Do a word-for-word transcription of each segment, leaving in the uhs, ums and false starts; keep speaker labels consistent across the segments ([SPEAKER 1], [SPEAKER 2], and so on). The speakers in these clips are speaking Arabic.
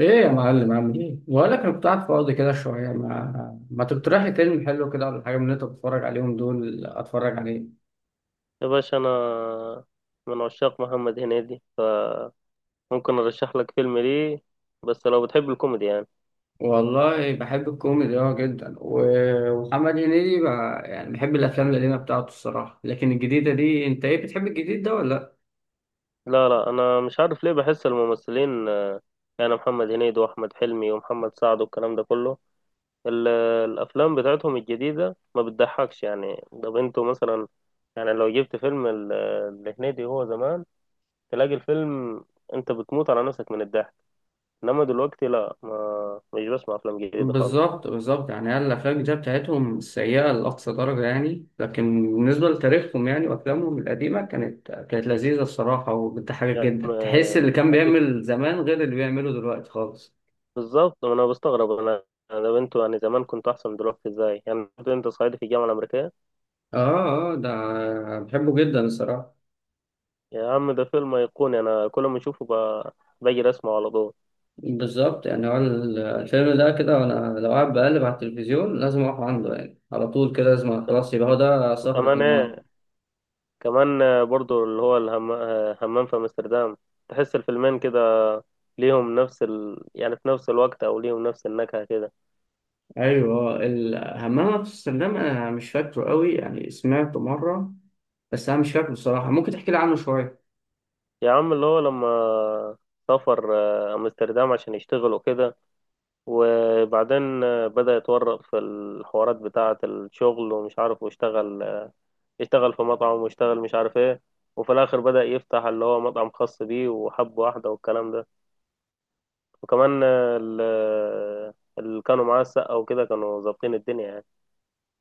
[SPEAKER 1] ايه يا معلم؟ عامل ايه؟ بقول لك انا كنت قاعد فاضي كده شويه، ما ما تقترح لي فيلم حلو كده ولا حاجه من اللي انت بتتفرج عليهم دول اتفرج عليه.
[SPEAKER 2] يا باشا أنا من عشاق محمد هنيدي، فممكن أرشح لك فيلم، ليه؟ بس لو بتحب الكوميدي يعني.
[SPEAKER 1] والله بحب الكوميدي اه جدا و- ومحمد هنيدي بقى، يعني بحب الافلام القديمه بتاعته الصراحه، لكن الجديده دي، انت ايه، بتحب الجديد ده ولا لا؟
[SPEAKER 2] لا لا، أنا مش عارف ليه بحس الممثلين آه، يعني محمد هنيدي وأحمد حلمي ومحمد سعد والكلام ده كله، ال- الأفلام بتاعتهم الجديدة ما بتضحكش يعني. طب أنتوا مثلا، يعني لو جبت فيلم ال- لهنيدي هو زمان، تلاقي الفيلم أنت بتموت على نفسك من الضحك. إنما دلوقتي لا، ما مش بسمع أفلام جديدة خالص.
[SPEAKER 1] بالظبط بالظبط، يعني هي الافلام الجديده بتاعتهم سيئه لاقصى درجه يعني، لكن بالنسبه لتاريخهم يعني وافلامهم القديمه، كانت كانت لذيذه الصراحه وبتضحك
[SPEAKER 2] يعني
[SPEAKER 1] جدا. تحس
[SPEAKER 2] آه،
[SPEAKER 1] اللي كان
[SPEAKER 2] أكيد.
[SPEAKER 1] بيعمل زمان غير اللي بيعمله دلوقتي خالص.
[SPEAKER 2] بالظبط، ما انا بستغرب انا. ده انتوا يعني زمان كنتوا احسن، دلوقتي ازاي يعني؟ برضه انت صعيدي في الجامعه الامريكيه.
[SPEAKER 1] اه اه ده بحبه جدا الصراحة.
[SPEAKER 2] يا عم ده فيلم ايقوني، انا كل ما اشوفه ب- باجي اسمعه على طول.
[SPEAKER 1] بالظبط، يعني هو ال- الفيلم ده كده، وانا لو قاعد بقلب على التلفزيون لازم اقف عنده يعني، على طول كده، لازم خلاص يبقى هو ده سهرة
[SPEAKER 2] وكمان
[SPEAKER 1] النهاردة.
[SPEAKER 2] ايه، كمان آه، برضه اللي هو الهم... آه، همام في امستردام. تحس الفيلمين كده ليهم نفس ال... يعني في نفس الوقت او ليهم نفس النكهه كده.
[SPEAKER 1] ايوه، الهمام في امستردام انا مش فاكره قوي، يعني سمعته مره بس انا مش فاكره بصراحه، ممكن تحكي لي عنه شويه.
[SPEAKER 2] يا عم اللي هو لما سافر آه، امستردام عشان يشتغل وكده، وبعدين آه، بدأ يتورط في الحوارات بتاعة الشغل ومش عارف، واشتغل اشتغل في مطعم، واشتغل مش عارف ايه، وفي الاخر بدأ يفتح اللي هو مطعم خاص بيه وحب واحدة والكلام ده. وكمان آه، ال- آه، اللي كانوا معاه السقا وكده كانوا ظابطين الدنيا يعني.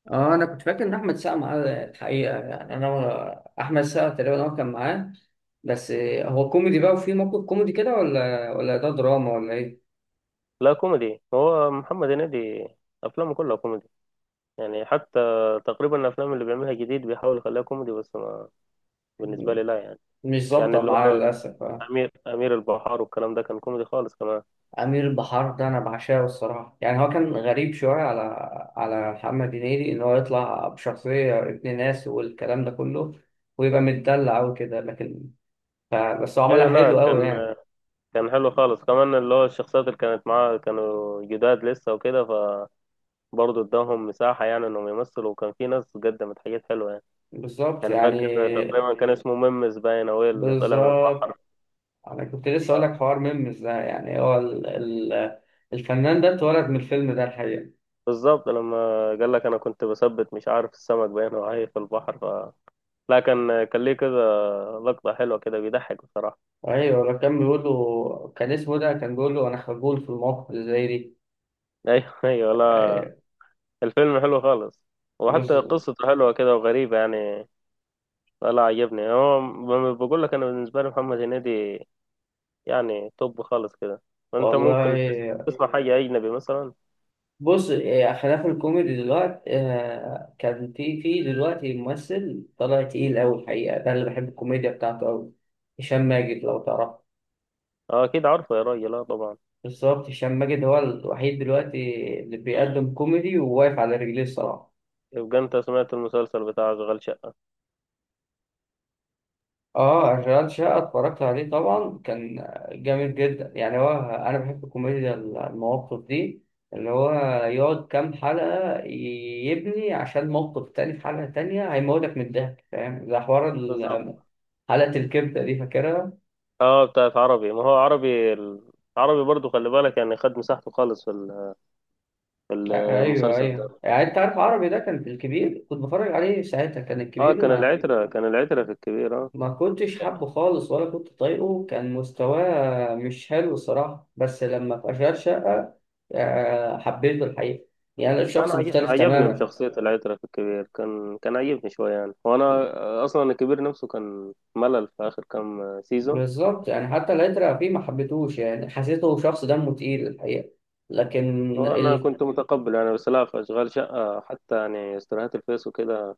[SPEAKER 1] اه انا كنت فاكر ان احمد سقا معاه الحقيقة، يعني انا ولا- احمد سقا تقريبا هو كان معاه. بس هو كوميدي بقى وفي موقف كوميدي كده، ولا ولا ده دراما ولا
[SPEAKER 2] لا كوميدي، هو محمد هنيدي افلامه كلها كوميدي، يعني حتى تقريبا الافلام اللي بيعملها جديد بيحاول يخليها كوميدي بس ما
[SPEAKER 1] ايه؟
[SPEAKER 2] بالنسبة لي لا يعني.
[SPEAKER 1] مش
[SPEAKER 2] يعني
[SPEAKER 1] ظابطة
[SPEAKER 2] اللي
[SPEAKER 1] معاه
[SPEAKER 2] هو
[SPEAKER 1] للأسف آه.
[SPEAKER 2] امير امير البحار والكلام ده كان كوميدي خالص كمان.
[SPEAKER 1] أمير البحار ده أنا بعشقه الصراحة، يعني هو كان غريب شوية على على محمد هنيدي إن هو يطلع بشخصية ابن ناس والكلام ده كله ويبقى متدلع وكده، لكن ف- بس هو
[SPEAKER 2] ايوه،
[SPEAKER 1] عملها
[SPEAKER 2] لا
[SPEAKER 1] حلو أوي
[SPEAKER 2] كان
[SPEAKER 1] يعني.
[SPEAKER 2] كان حلو خالص كمان، اللي هو الشخصيات اللي كانت معاه كانوا جداد لسه وكده، برضه اداهم مساحة يعني انهم يمثلوا، وكان في ناس قدمت حاجات حلوة يعني.
[SPEAKER 1] بالظبط
[SPEAKER 2] كان
[SPEAKER 1] يعني
[SPEAKER 2] فاكر تقريبا كان اسمه ممس باين او إيه اللي طلع من البحر
[SPEAKER 1] بالظبط أنا كنت لسه أقول لك
[SPEAKER 2] آه.
[SPEAKER 1] حوار ميمز ده، يعني هو ال... ال... الفنان ده اتولد من الفيلم ده الحقيقة.
[SPEAKER 2] بالظبط، لما قال لك انا كنت بثبت مش عارف السمك باين وعاي في البحر ف لا كان كان ليه كذا لقطة حلوة كده، بيضحك بصراحة.
[SPEAKER 1] أيوة، لو كان بيقول له كان اسمه ده، كان بيقول له أنا خجول في المواقف اللي زي دي.
[SPEAKER 2] ايوه ايوه، لا
[SPEAKER 1] أيوة،
[SPEAKER 2] الفيلم حلو خالص،
[SPEAKER 1] بس.
[SPEAKER 2] وحتى قصته حلوة كده وغريبة يعني. لا عجبني هو، ب- بقول لك انا بالنسبة لي محمد هنيدي يعني توب خالص كده. انت ممكن تس-
[SPEAKER 1] والله
[SPEAKER 2] تسمع حاجة اجنبي مثلا.
[SPEAKER 1] بص إيه، خلاف الكوميدي دلوقتي آه، كان في في دلوقتي ممثل طلع تقيل أوي الحقيقة، ده اللي بحب الكوميديا بتاعته أوي. هشام ماجد، لو تعرف.
[SPEAKER 2] اه اكيد عارفه يا راجل، اه طبعا.
[SPEAKER 1] بالظبط، هشام ماجد هو الوحيد دلوقتي اللي بيقدم كوميدي وواقف على رجليه الصراحة.
[SPEAKER 2] يبقى انت سمعت المسلسل بتاع اشغال شقه.
[SPEAKER 1] اه، اشغال شقه اتفرجت عليه طبعا، كان جامد جدا يعني. هو انا بحب الكوميديا المواقف دي، اللي هو يقعد كام حلقه يبني عشان موقف تاني في حلقه تانية هيموتك من الضحك، فاهم؟ زي حوار ال-
[SPEAKER 2] بالظبط.
[SPEAKER 1] حلقه الكبده دي، فاكرها؟
[SPEAKER 2] اه بتاعت عربي، ما هو عربي ال- عربي برضو خلي بالك يعني، خد مساحته خالص في ال- في
[SPEAKER 1] آه، ايوه
[SPEAKER 2] المسلسل
[SPEAKER 1] ايوه،
[SPEAKER 2] ده.
[SPEAKER 1] يعني انت عارف عربي ده كان في الكبير، كنت بتفرج عليه ساعتها كان
[SPEAKER 2] اه
[SPEAKER 1] الكبير،
[SPEAKER 2] كان
[SPEAKER 1] ما
[SPEAKER 2] العترة كان العترة في الكبير اه.
[SPEAKER 1] ما كنتش حابه خالص ولا كنت طايقه، كان مستواه مش حلو الصراحة، بس لما في أشغال شقة آه، حبيته الحقيقة. يعني أنا
[SPEAKER 2] انا
[SPEAKER 1] شخص
[SPEAKER 2] عج-
[SPEAKER 1] مختلف
[SPEAKER 2] عجبني
[SPEAKER 1] تماما.
[SPEAKER 2] بشخصية العترة في الكبير، كان كان عجبني شوية يعني، وانا اصلا الكبير نفسه كان ملل في اخر كام سيزون.
[SPEAKER 1] بالظبط، يعني حتى العترة فيه ما حبيتهوش، يعني حسيته شخص دمه تقيل الحقيقة، لكن
[SPEAKER 2] وانا
[SPEAKER 1] ال...
[SPEAKER 2] كنت متقبل يعني، بس لا في اشغال شقة حتى يعني استراحات الفيس وكده،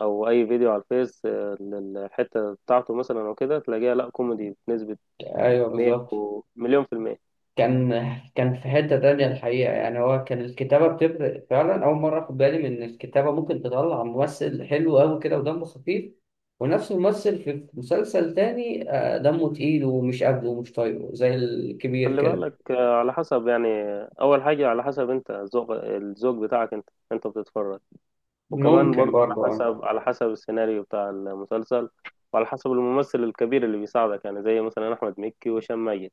[SPEAKER 2] او اي فيديو على الفيس آه، لل- الحته بتاعته مثلا او كده، تلاقيها لا كوميدي بنسبه
[SPEAKER 1] أيوه
[SPEAKER 2] مية
[SPEAKER 1] بالظبط.
[SPEAKER 2] ومليون في المية.
[SPEAKER 1] كان كان في حتة تانية الحقيقة، يعني هو كان الكتابة بتفرق فعلا، أول مرة أخد بالي من إن الكتابة ممكن تطلع ممثل حلو أوي كده ودمه خفيف، ونفس الممثل في مسلسل تاني آه، دمه تقيل ومش قابله ومش طايقه زي الكبير
[SPEAKER 2] خلي
[SPEAKER 1] كده.
[SPEAKER 2] بالك آه، على حسب يعني، آه، اول حاجه على حسب انت ذوق الذوق بتاعك، انت انت بتتفرج. وكمان
[SPEAKER 1] ممكن
[SPEAKER 2] برضو على
[SPEAKER 1] برضه أه.
[SPEAKER 2] حسب على حسب السيناريو بتاع المسلسل، وعلى حسب الممثل الكبير اللي بيساعدك، يعني زي مثلا احمد مكي وهشام ماجد.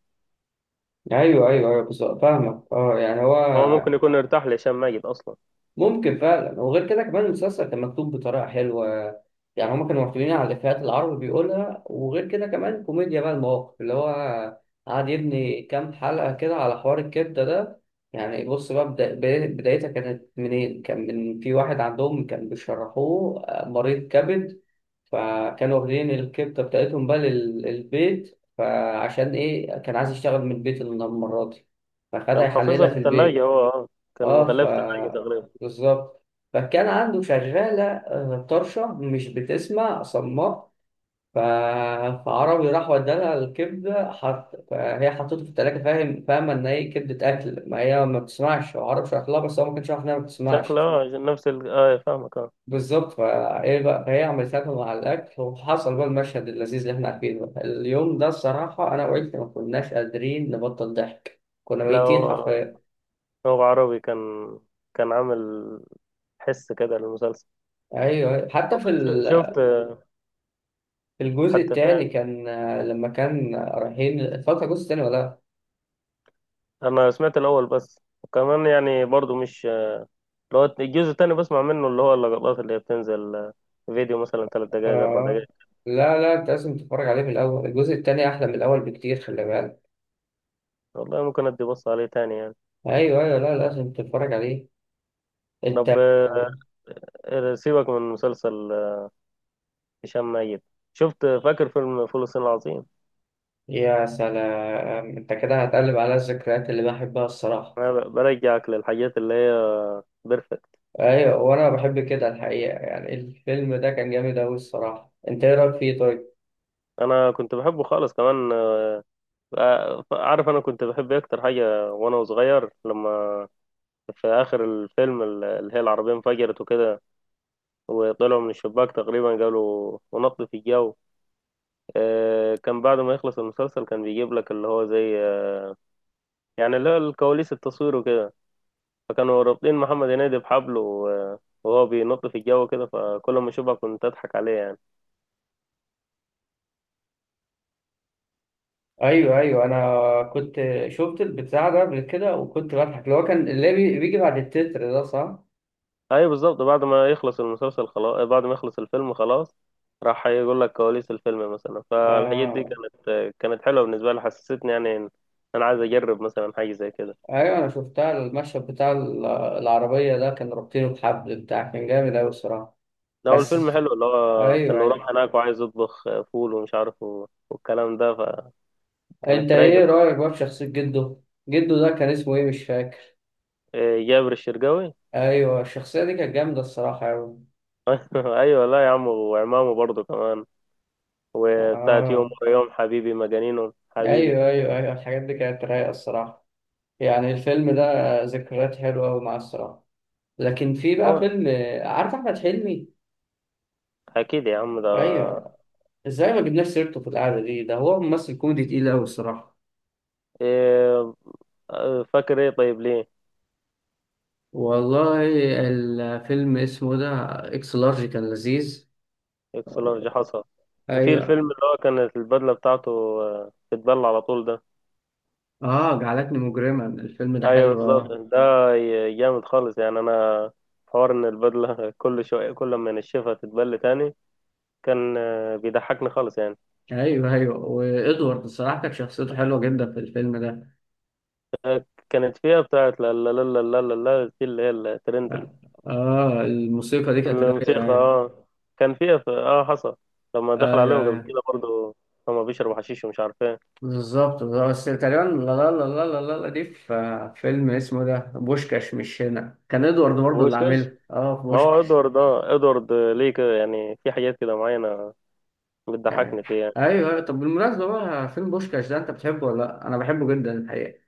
[SPEAKER 1] أيوه أيوه أيوه بالظبط، فاهمك أه. يعني هو
[SPEAKER 2] هو ممكن يكون ارتاح لهشام ماجد اصلا.
[SPEAKER 1] ممكن فعلا. وغير كده كمان المسلسل كان مكتوب بطريقة حلوة، يعني هما كانوا معتمدين على الإفيهات اللي العربي بيقولها، وغير كده كمان كوميديا بقى المواقف، اللي هو قعد يبني كام حلقة كده على حوار الكبدة ده. يعني بص بقى، بدا- بداية- بدايتها كانت منين؟ كان من في واحد عندهم كان بيشرحوه آه، مريض كبد، فكانوا واخدين الكبدة بتاعتهم بقى للبيت، فعشان إيه كان عايز يشتغل من البيت المرة دي فخدها
[SPEAKER 2] كان حافظها
[SPEAKER 1] يحللها
[SPEAKER 2] في
[SPEAKER 1] في
[SPEAKER 2] الثلاجه
[SPEAKER 1] البيت.
[SPEAKER 2] هو آه. كان
[SPEAKER 1] اه ف
[SPEAKER 2] غلاف ثلاجه تقريبا.
[SPEAKER 1] بالظبط، فكان عنده شغالة آه، طرشة مش بتسمع، صماء ف... فعربي راح ودالها الكبدة، حط... فهي حطته في التلاجة، فاهم؟ فاهمة إن هي كبدة أكل، ما هي ما بتسمعش، وعربي شرح لها، بس هو ما كانش عارف إنها ما
[SPEAKER 2] شكله
[SPEAKER 1] بتسمعش.
[SPEAKER 2] آه، نفس ال... اه فاهمك اه.
[SPEAKER 1] بالظبط، فإيه بقى، فهي عملت لها مع الأكل وحصل بقى المشهد اللذيذ اللي إحنا عارفينه بقى. اليوم ده الصراحة أنا وعيلتي ما كناش قادرين نبطل ضحك، كنا
[SPEAKER 2] لو
[SPEAKER 1] ميتين
[SPEAKER 2] آه،
[SPEAKER 1] حرفيا.
[SPEAKER 2] هو عربي كان كان عامل حس كده للمسلسل.
[SPEAKER 1] ايوه، حتى في
[SPEAKER 2] ش-
[SPEAKER 1] ال
[SPEAKER 2] شفت.
[SPEAKER 1] الجزء
[SPEAKER 2] حتى
[SPEAKER 1] التاني
[SPEAKER 2] فيه.
[SPEAKER 1] كان آه، لما كان رايحين. اتفرجت على الجزء التاني ولا لا؟
[SPEAKER 2] انا سمعت الاول بس، وكمان يعني برضو مش اللي هو الجزء التاني بسمع منه، اللي هو اللقطات اللي هي بتنزل فيديو مثلا ثلاث دقائق اربع
[SPEAKER 1] اه
[SPEAKER 2] دقائق
[SPEAKER 1] لا لا، انت لازم تتفرج عليه من الاول، الجزء التاني احلى من الاول بكتير، خلي بالك.
[SPEAKER 2] والله ممكن ادي بص عليه تاني يعني.
[SPEAKER 1] ايوه ايوه، لا لازم تتفرج عليه انت
[SPEAKER 2] طب
[SPEAKER 1] آه،
[SPEAKER 2] آه، سيبك من مسلسل آه، هشام، ميت شفت فاكر فيلم فول الصين العظيم؟
[SPEAKER 1] يا سلام، انت كده هتقلب على الذكريات اللي بحبها الصراحه.
[SPEAKER 2] انا ب- برجعك للحاجات اللي هي بيرفكت.
[SPEAKER 1] ايوه وانا بحب كده الحقيقه، يعني الفيلم ده كان جامد اوي الصراحه، انت ايه رايك فيه طيب؟
[SPEAKER 2] انا كنت بحبه خالص كمان. ف- عارف انا كنت بحب إيه اكتر حاجه وانا صغير؟ لما في اخر الفيلم ال- اللي هي العربيه انفجرت وكده، وطلعوا من الشباك تقريبا قالوا، ونط في الجو، آه، كان بعد ما يخلص المسلسل كان بيجيب لك اللي هو زي آه، يعني اللي هو الكواليس، التصوير وكده. فكانوا رابطين محمد هنيدي بحبل و- وهو بينط في الجو كده، فكل ما اشوفها كنت اضحك عليه يعني.
[SPEAKER 1] ايوه ايوه، انا كنت شفت البتاع ده قبل كده وكنت بضحك، اللي هو كان اللي بي- بيجي بعد التتر، ده صح؟
[SPEAKER 2] ايوه بالظبط، بعد ما يخلص المسلسل خلاص، بعد ما يخلص الفيلم خلاص، راح يقول لك كواليس الفيلم مثلا، فالحاجات دي
[SPEAKER 1] اه
[SPEAKER 2] كانت كانت حلوه بالنسبه لي، حسستني يعني إن انا عايز اجرب مثلا حاجه زي كده.
[SPEAKER 1] ايوه، انا شفتها المشهد بتاع ال- العربيه ده، كان رابطينه بحبل بتاع، كان جامد اوي الصراحه.
[SPEAKER 2] لو
[SPEAKER 1] بس
[SPEAKER 2] الفيلم حلو اللي هو
[SPEAKER 1] ايوه
[SPEAKER 2] انه
[SPEAKER 1] ايوه،
[SPEAKER 2] راح هناك وعايز يطبخ فول ومش عارف و- والكلام ده.
[SPEAKER 1] انت
[SPEAKER 2] فكانت رايقه
[SPEAKER 1] ايه
[SPEAKER 2] خالص.
[SPEAKER 1] رايك بقى في شخصيه جده؟ جده ده كان اسمه ايه مش فاكر.
[SPEAKER 2] إيه، جابر الشرقاوي.
[SPEAKER 1] ايوه الشخصيه دي كانت جامده الصراحه اوي.
[SPEAKER 2] ايوه، لا يا عم وعمامه برضه كمان، وبتاعت يوم
[SPEAKER 1] اه
[SPEAKER 2] ورا يوم حبيبي مجانينه حبيبي.
[SPEAKER 1] ايوه ايوه ايوه، الحاجات دي كانت رايقه الصراحه. يعني الفيلم ده ذكريات حلوه اوي معاه الصراحه، لكن في بقى
[SPEAKER 2] هو
[SPEAKER 1] فيلم. عارف احمد حلمي؟
[SPEAKER 2] اكيد يا عم ده.
[SPEAKER 1] ايوه، ازاي ما جبناش سيرته في القعده دي؟ ده هو ممثل كوميدي تقيل اوي الصراحه.
[SPEAKER 2] إيه، فاكر ايه طيب ليه؟
[SPEAKER 1] والله الفيلم اسمه ده، اكس لارج، كان لذيذ.
[SPEAKER 2] اكس لارج
[SPEAKER 1] آه،
[SPEAKER 2] حصى. وفي الفيلم
[SPEAKER 1] ايوه،
[SPEAKER 2] اللي هو كانت البدلة بتاعته آه، بتبل على طول ده.
[SPEAKER 1] اه جعلتني مجرما، الفيلم ده
[SPEAKER 2] ايوه
[SPEAKER 1] حلو
[SPEAKER 2] بالظبط
[SPEAKER 1] اه.
[SPEAKER 2] ده ي- جامد خالص يعني. انا حوار ان البدلة كل شوية كل ما نشفها تتبل تاني، كان آه، بيضحكني خالص يعني.
[SPEAKER 1] ايوه ايوه، وادوارد الصراحه كانت شخصيته حلوه جدا في الفيلم ده.
[SPEAKER 2] كانت فيها بتاعت لا لا لا لا لا لا دي اللي هي الترند ال-
[SPEAKER 1] اه آه، الموسيقى دي كانت رايقه
[SPEAKER 2] الموسيقى
[SPEAKER 1] يعني.
[SPEAKER 2] اه كان فيها، في اه حصل لما دخل
[SPEAKER 1] ايوه
[SPEAKER 2] عليهم قبل
[SPEAKER 1] ايوه
[SPEAKER 2] كده برضه، هما بيشربوا حشيش ومش عارف ايه،
[SPEAKER 1] بالظبط، بس تقريبا لا لا لا لا لا لا لا دي في فيلم اسمه ده بوشكاش مش هنا، كان ادوارد برضه اللي
[SPEAKER 2] ويسكس.
[SPEAKER 1] عاملها اه في
[SPEAKER 2] ما هو
[SPEAKER 1] بوشكاش.
[SPEAKER 2] ادوارد اه ادوارد ليه كده يعني، في حاجات كده معينة
[SPEAKER 1] يعني.
[SPEAKER 2] بتضحكني فيه يعني.
[SPEAKER 1] ايوه أيوة. طب بالمناسبه بقى، فيلم بوشكاش ده انت بتحبه ولا لا؟ انا بحبه جدا الحقيقه.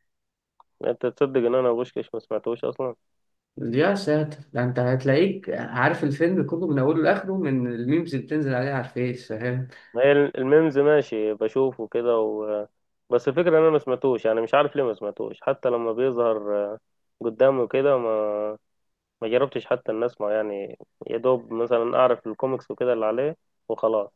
[SPEAKER 2] انت تصدق ان انا بوشكاش ما سمعتوش اصلا؟
[SPEAKER 1] يا ساتر، ده انت هتلاقيك عارف الفيلم كله من اوله لاخره من الميمز اللي بتنزل عليه على الفيس، فاهم؟
[SPEAKER 2] ما هي الميمز ماشي بشوفه كده و... بس الفكره ان انا ما سمعتوش يعني، مش عارف ليه ما سمعتوش، حتى لما بيظهر آه، قدامي كده ما ما جربتش حتى ان اسمع يعني، يا دوب مثلا اعرف الكوميكس وكده اللي عليه، وخلاص.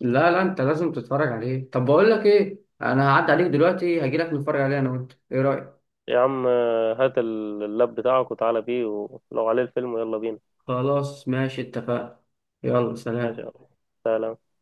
[SPEAKER 1] لا لا انت لازم تتفرج عليه. طب بقول لك ايه، انا هعدي عليك دلوقتي هجيلك نتفرج عليه انا وانت، ايه رايك؟
[SPEAKER 2] يا عم آه، هات اللاب بتاعك وتعالى بيه، ولو عليه الفيلم يلا بينا.
[SPEAKER 1] خلاص ماشي اتفقنا، يلا
[SPEAKER 2] ماشي يا
[SPEAKER 1] سلام.
[SPEAKER 2] عم. سلام